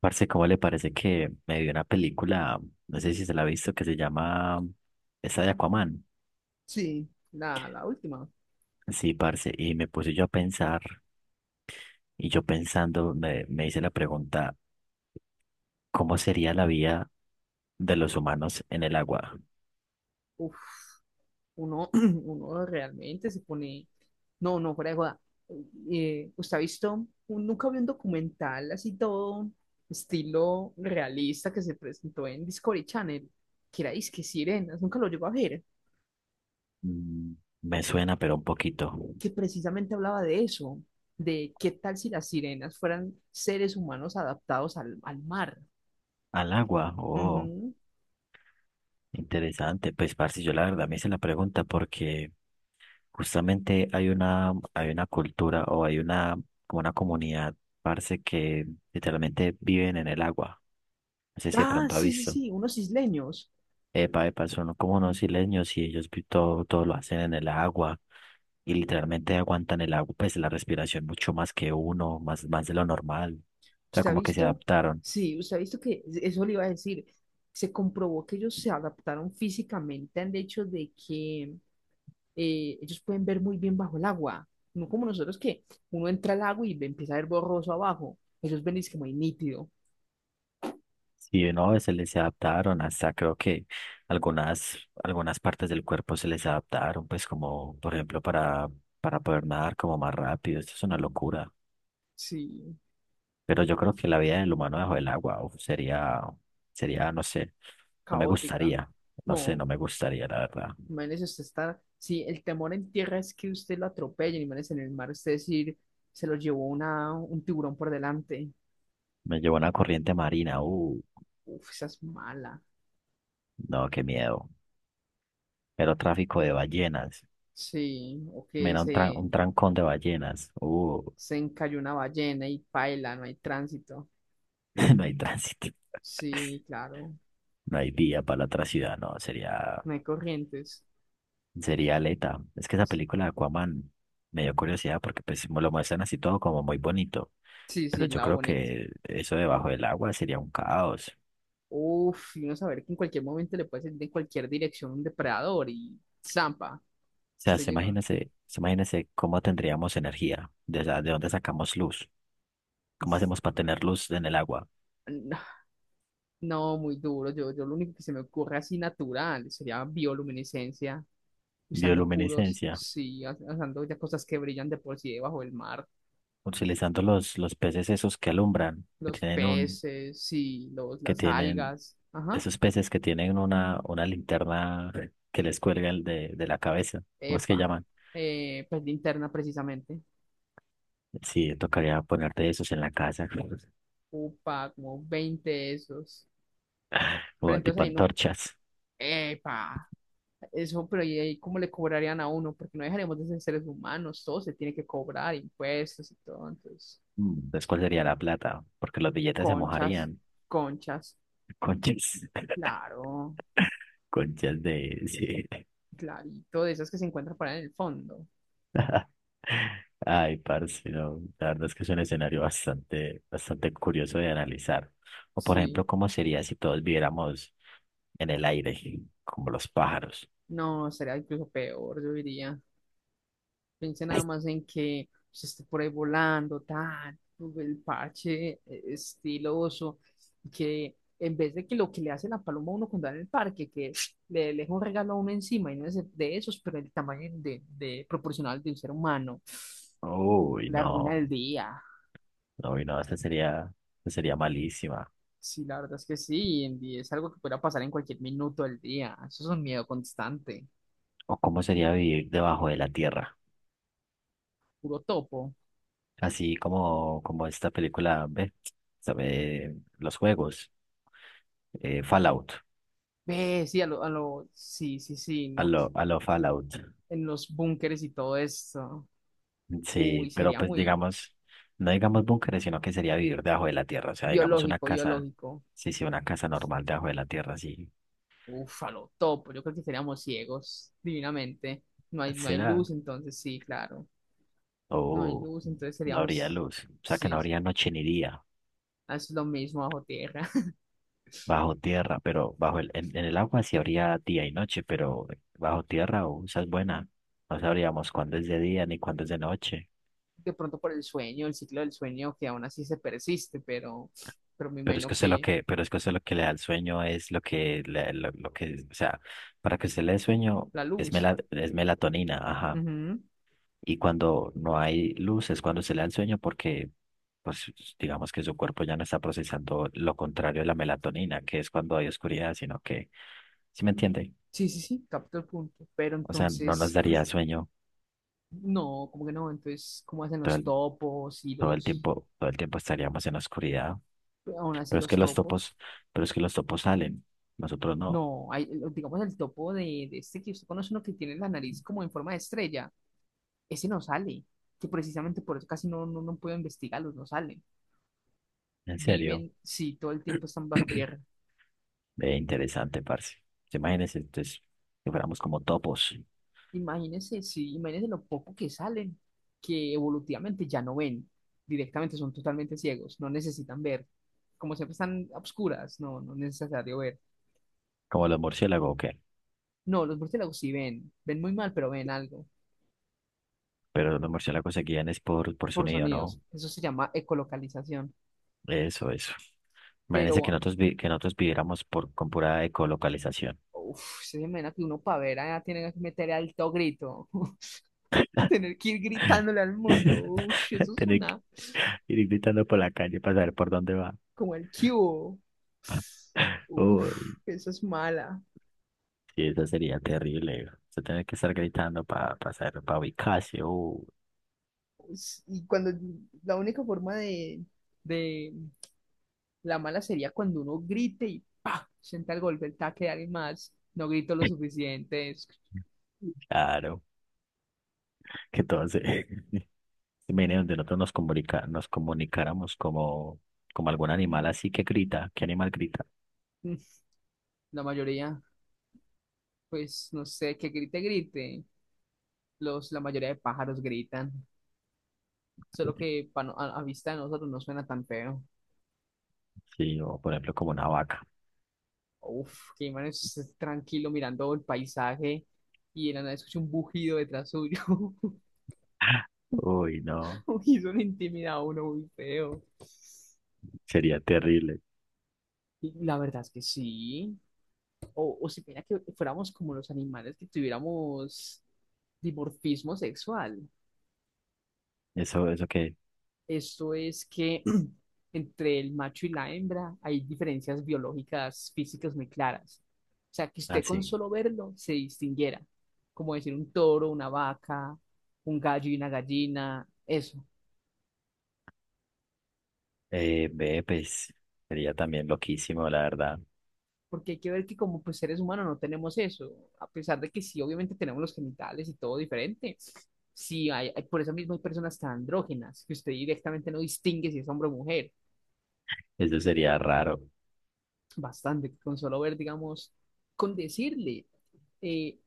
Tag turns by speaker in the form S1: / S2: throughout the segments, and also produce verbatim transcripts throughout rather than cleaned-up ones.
S1: Parce, ¿cómo le parece que me vi una película, no sé si se la ha visto, que se llama esa de Aquaman?
S2: Sí, la, la última.
S1: Sí, parce, y me puse yo a pensar, y yo pensando, me, me hice la pregunta, ¿cómo sería la vida de los humanos en el agua?
S2: Uf, uno, uno realmente se pone. No, no, fuera de joda. Eh, ¿usted ha visto? un- Nunca vi un documental así todo estilo realista que se presentó en Discovery Channel, que era Disque Sirenas, nunca lo llegó a ver,
S1: Mm, me suena, pero un poquito.
S2: que precisamente hablaba de eso, de qué tal si las sirenas fueran seres humanos adaptados al, al mar.
S1: ¿Al agua? Oh,
S2: Ujú.
S1: interesante. Pues, parce, yo la verdad me hice la pregunta porque justamente hay una, hay una cultura o hay una, como una comunidad, parce, que literalmente viven en el agua. No sé si de
S2: Ah,
S1: pronto ha
S2: sí, sí,
S1: visto.
S2: sí, unos isleños.
S1: Epa, epa, son como unos isleños y ellos vi- todo, todo lo hacen en el agua y literalmente aguantan el agua, pues la respiración mucho más que uno, más, más de lo normal. O sea,
S2: Usted ha
S1: como que se
S2: visto,
S1: adaptaron.
S2: sí, usted ha visto que e, eso le iba a decir. Se comprobó que ellos se adaptaron físicamente al hecho de que eh, ellos pueden ver muy bien bajo el agua. No como nosotros que uno entra al agua y ve- empieza a ver borroso abajo. Ellos ven y es que muy nítido.
S1: Sí, no, se les adaptaron, hasta creo que algunas, algunas partes del cuerpo se les adaptaron, pues como por ejemplo para, para poder nadar como más rápido, esto es una locura.
S2: Sí,
S1: Pero yo creo que la vida del humano bajo el agua, uf, sería, sería, no sé, no me
S2: caótica.
S1: gustaría, no sé,
S2: No,
S1: no me gustaría, la verdad.
S2: imagínese usted estar. Sí, el temor en tierra es que usted lo atropellen, imagínese en el mar, usted decir, se lo llevó una, un tiburón por delante.
S1: Me llevó una corriente marina, uh,
S2: Uf, esa es mala.
S1: no, qué miedo. Pero tráfico de ballenas,
S2: Sí, o que
S1: mira, un, tra-
S2: se,
S1: un trancón de ballenas, uh,
S2: se encalló una ballena y paila, no hay tránsito.
S1: no hay tránsito,
S2: Sí, claro,
S1: no hay vía para la otra ciudad, no, sería...
S2: no hay corrientes.
S1: Sería Aleta. Es que esa película de Aquaman me dio curiosidad porque pues me lo muestran así todo como muy bonito.
S2: Sí,
S1: Pero
S2: sí,
S1: yo
S2: lado
S1: creo
S2: bonito.
S1: que eso debajo del agua sería un caos. O
S2: Uf, y uno saber que en cualquier momento le puede salir de cualquier dirección un depredador y zampa.
S1: sea,
S2: Usted
S1: se
S2: llegó.
S1: imagínese, se imagínese cómo tendríamos energía, de, o sea, de dónde sacamos luz, cómo hacemos para tener luz en el agua.
S2: No, no, muy duro. Yo, yo lo único que se me ocurre así natural sería bioluminiscencia, usando puros,
S1: Bioluminiscencia,
S2: sí, us- usando ya cosas que brillan de por sí debajo del mar.
S1: utilizando los, los peces esos que alumbran, que
S2: Los
S1: tienen un,
S2: peces, sí, los,
S1: que
S2: las
S1: tienen,
S2: algas. Ajá.
S1: esos peces que tienen una, una linterna que les cuelga el de, de la cabeza. ¿Cómo es que
S2: Epa,
S1: llaman?
S2: eh, pues linterna precisamente.
S1: Sí, tocaría ponerte esos en la casa,
S2: Upa, como veinte de esos. Pero
S1: o
S2: entonces
S1: tipo
S2: ahí no,
S1: antorchas.
S2: epa, eso, pero ¿y ahí cómo le cobrarían a uno? Porque no dejaremos de ser seres humanos, todo se tiene que cobrar, impuestos y todo. Entonces,
S1: Mm, entonces, ¿cuál sería la plata? Porque los billetes se
S2: conchas,
S1: mojarían.
S2: conchas,
S1: Conchas,
S2: claro,
S1: conchas de... Sí.
S2: clarito, de esas que se encuentran por ahí en el fondo.
S1: Ay, parce, no. La verdad es que es un escenario bastante, bastante curioso de analizar. O, por
S2: Sí,
S1: ejemplo, ¿cómo sería si todos viviéramos en el aire, como los pájaros?
S2: no, sería incluso peor, yo diría. Piense nada más en que se esté por ahí volando, tal, el parche eh, estiloso, que en vez de que lo que le hace la paloma a uno cuando va en el parque, que le deja un regalo a uno encima, y no es de esos, pero el tamaño de, de proporcional de un ser humano,
S1: Uy,
S2: la ruina
S1: no.
S2: del día.
S1: No, uy, no, esa sería, esa sería malísima.
S2: Sí, la verdad es que sí, Andy, es algo que pueda pasar en cualquier minuto del día. Eso es un miedo constante,
S1: ¿O cómo sería vivir debajo de la tierra?
S2: puro topo.
S1: Así como, como esta película, ve, sabe, los juegos, eh, Fallout,
S2: Ve, sí, a lo, a lo, sí, sí, sí,
S1: a
S2: no,
S1: lo, a lo Fallout.
S2: en los búnkeres y todo esto. Uy,
S1: Sí, pero
S2: sería
S1: pues
S2: muy,
S1: digamos, no digamos búnkeres, sino que sería vivir debajo de la tierra, o sea, digamos una
S2: biológico,
S1: casa,
S2: biológico.
S1: sí, sí, una casa normal debajo de la tierra, sí.
S2: Uf, a lo topo. Yo creo que seríamos ciegos, divinamente. No hay, no hay
S1: Será,
S2: luz, entonces sí, claro. No hay
S1: oh,
S2: luz, entonces
S1: no habría
S2: seríamos,
S1: luz, o sea, que no
S2: sí,
S1: habría noche ni día
S2: ah, es lo mismo bajo tierra.
S1: bajo tierra, pero bajo el, en, en el agua sí habría día y noche, pero bajo tierra, oh, esa es buena, no sabríamos cuándo es de día ni cuándo es de noche.
S2: De pronto por el sueño, el ciclo del sueño que aún así se persiste, pero, pero me
S1: Pero es que
S2: imagino
S1: usted lo
S2: que
S1: que, pero es que usted lo que le da el sueño es lo que, le- lo, lo que, o sea, para que usted le dé sueño
S2: la
S1: es,
S2: luz.
S1: mela- es melatonina, ajá.
S2: Ujú.
S1: Y cuando no hay luz es cuando se le da el sueño porque, pues, digamos que su cuerpo ya no está procesando lo contrario de la melatonina, que es cuando hay oscuridad, sino que, ¿sí me entiende?
S2: Sí, sí, sí, capto el punto. Pero
S1: O sea, no nos
S2: entonces,
S1: daría sueño
S2: no, como que no. Entonces, ¿cómo hacen
S1: todo
S2: los
S1: el,
S2: topos y
S1: todo el
S2: los,
S1: tiempo, todo el tiempo estaríamos en la oscuridad.
S2: aún así
S1: Pero es que
S2: los
S1: los
S2: topos?
S1: topos, pero es que los topos salen, nosotros no.
S2: No, hay, eh, digamos el topo de, de este que usted conoce, uno que tiene la nariz como en forma de estrella. Ese no sale, que precisamente por eso casi no, no, no puedo investigarlos, no salen.
S1: En serio.
S2: Viven, sí, todo el tiempo están bajo tierra.
S1: Ve, interesante, parce. ¿Se imagínense, entonces, que fuéramos como topos,
S2: Imagínense, sí, imagínense lo poco que salen, que evolutivamente ya no ven, directamente son totalmente ciegos, no necesitan ver. Como siempre están a obscuras, no, no es necesario ver.
S1: como los murciélagos o qué?
S2: No, los murciélagos sí ven, ven muy mal, pero ven algo,
S1: Pero los murciélagos se guían es por, por
S2: por
S1: sonido, ¿no?
S2: sonidos. Eso se llama ecolocalización.
S1: Eso, eso. Imagínense que
S2: Pero
S1: nosotros, vi- que nosotros viviéramos por, con pura ecolocalización.
S2: uf, se imagina que uno para ver allá tiene que meter alto grito, tener que ir gritándole al mundo. Uf, eso es
S1: Tener que
S2: una,
S1: ir gritando por la calle para saber por dónde va.
S2: como el cubo. Uf,
S1: Uy,
S2: eso es mala.
S1: sí, eso sería terrible. Se tener que estar gritando para pasar, para ubicarse. Uy,
S2: Pues, y cuando la única forma de, de la mala sería cuando uno grite y ¡pa! Sienta el golpe, el taque de alguien más. No grito lo suficiente. es-
S1: claro, que todo se, viene donde nosotros nos comunica, nos comunicáramos como, como algún animal así que grita. ¿Qué animal grita?
S2: mm, La mayoría, pues no sé, que grite, grite. Los, la mayoría de pájaros gritan. Solo que pa no- a, a vista de nosotros no suena tan feo.
S1: Sí, o por ejemplo como una vaca.
S2: Uf, que man es tranquilo mirando el paisaje y de la nada escucha un bujido detrás suyo.
S1: Uy, no,
S2: Uy, eso le intimida a uno muy feo.
S1: sería terrible.
S2: Y la verdad es que sí. O, o si mira que fuéramos como los animales que tuviéramos dimorfismo sexual.
S1: Eso, eso que,
S2: Esto es que entre el macho y la hembra hay diferencias biológicas físicas muy claras. O sea, que usted con
S1: así.
S2: solo verlo se distinguiera, como decir un toro, una vaca, un gallo y una gallina, eso.
S1: Eh, ve, pues sería también loquísimo, la verdad.
S2: Porque hay que ver que como pues, seres humanos no tenemos eso, a pesar de que sí, obviamente tenemos los genitales y todo diferente. Sí, hay, hay- por eso mismo hay personas tan andrógenas, que usted directamente no distingue si es hombre o mujer.
S1: Eso sería raro.
S2: Bastante, con solo ver, digamos, con decirle eh,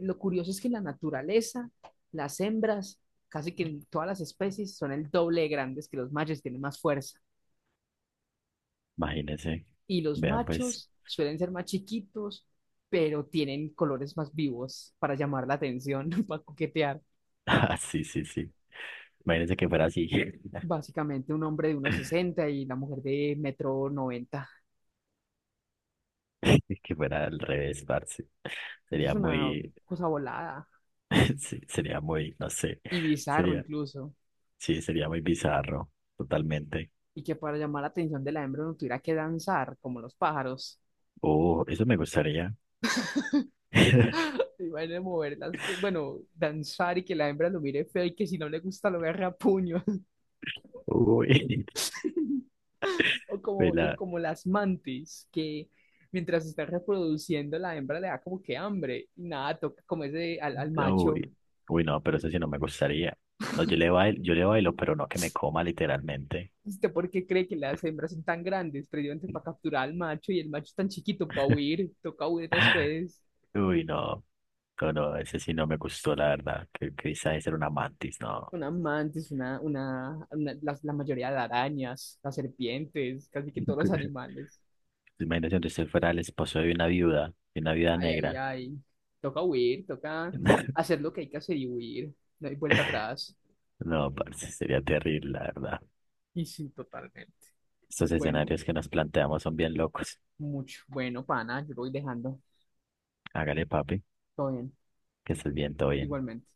S2: lo curioso es que en la naturaleza, las hembras, casi que en todas las especies, son el doble de grandes que los machos, tienen más fuerza.
S1: Imagínense.
S2: Y los
S1: Vean, pues.
S2: machos suelen ser más chiquitos, pero tienen colores más vivos para llamar la atención, para coquetear.
S1: Ah, sí, sí, sí. Imagínense que fuera así.
S2: Básicamente un hombre de unos sesenta y la mujer de metro noventa.
S1: Que fuera al revés, parce.
S2: Eso es
S1: Sería
S2: una
S1: muy,
S2: cosa volada
S1: sí, sería muy, no sé.
S2: y bizarro
S1: Sería.
S2: incluso.
S1: Sí, sería muy bizarro, totalmente.
S2: Y que para llamar la atención de la hembra no tuviera que danzar como los pájaros.
S1: Oh, eso me gustaría.
S2: Van a mover las, bueno, danzar y que la hembra lo mire feo y que si no le gusta lo agarra a puño.
S1: Uy,
S2: O como, o
S1: vela,
S2: como las mantis, que mientras está reproduciendo la hembra le da como que hambre y nada, toca comerse al, al macho.
S1: uy, uy, no, pero eso sí no me gustaría. No, yo le bailo, yo le bailo, pero no que me coma literalmente.
S2: ¿Usted por qué cree que las hembras son tan grandes? Precisamente para capturar al macho y el macho es tan chiquito para huir, toca huir después.
S1: Uy, no, no, no, ese sí no me gustó, la verdad. Que quizás era una mantis, no.
S2: Una mantis, una, una, una- las- la mayoría de arañas, las serpientes, casi que todos los animales.
S1: Imagínate si usted fuera el esposo de una viuda, de una viuda
S2: Ay, ay,
S1: negra.
S2: ay. Toca huir, toca hacer lo que hay que hacer y huir. No hay vuelta atrás.
S1: No, parce, sería terrible, la verdad.
S2: Y sí, totalmente.
S1: Estos
S2: Bueno,
S1: escenarios que nos planteamos son bien locos.
S2: mucho. Bueno, pana, yo lo voy dejando.
S1: Hágale, papi,
S2: Todo bien,
S1: que estés bien, todo bien.
S2: igualmente.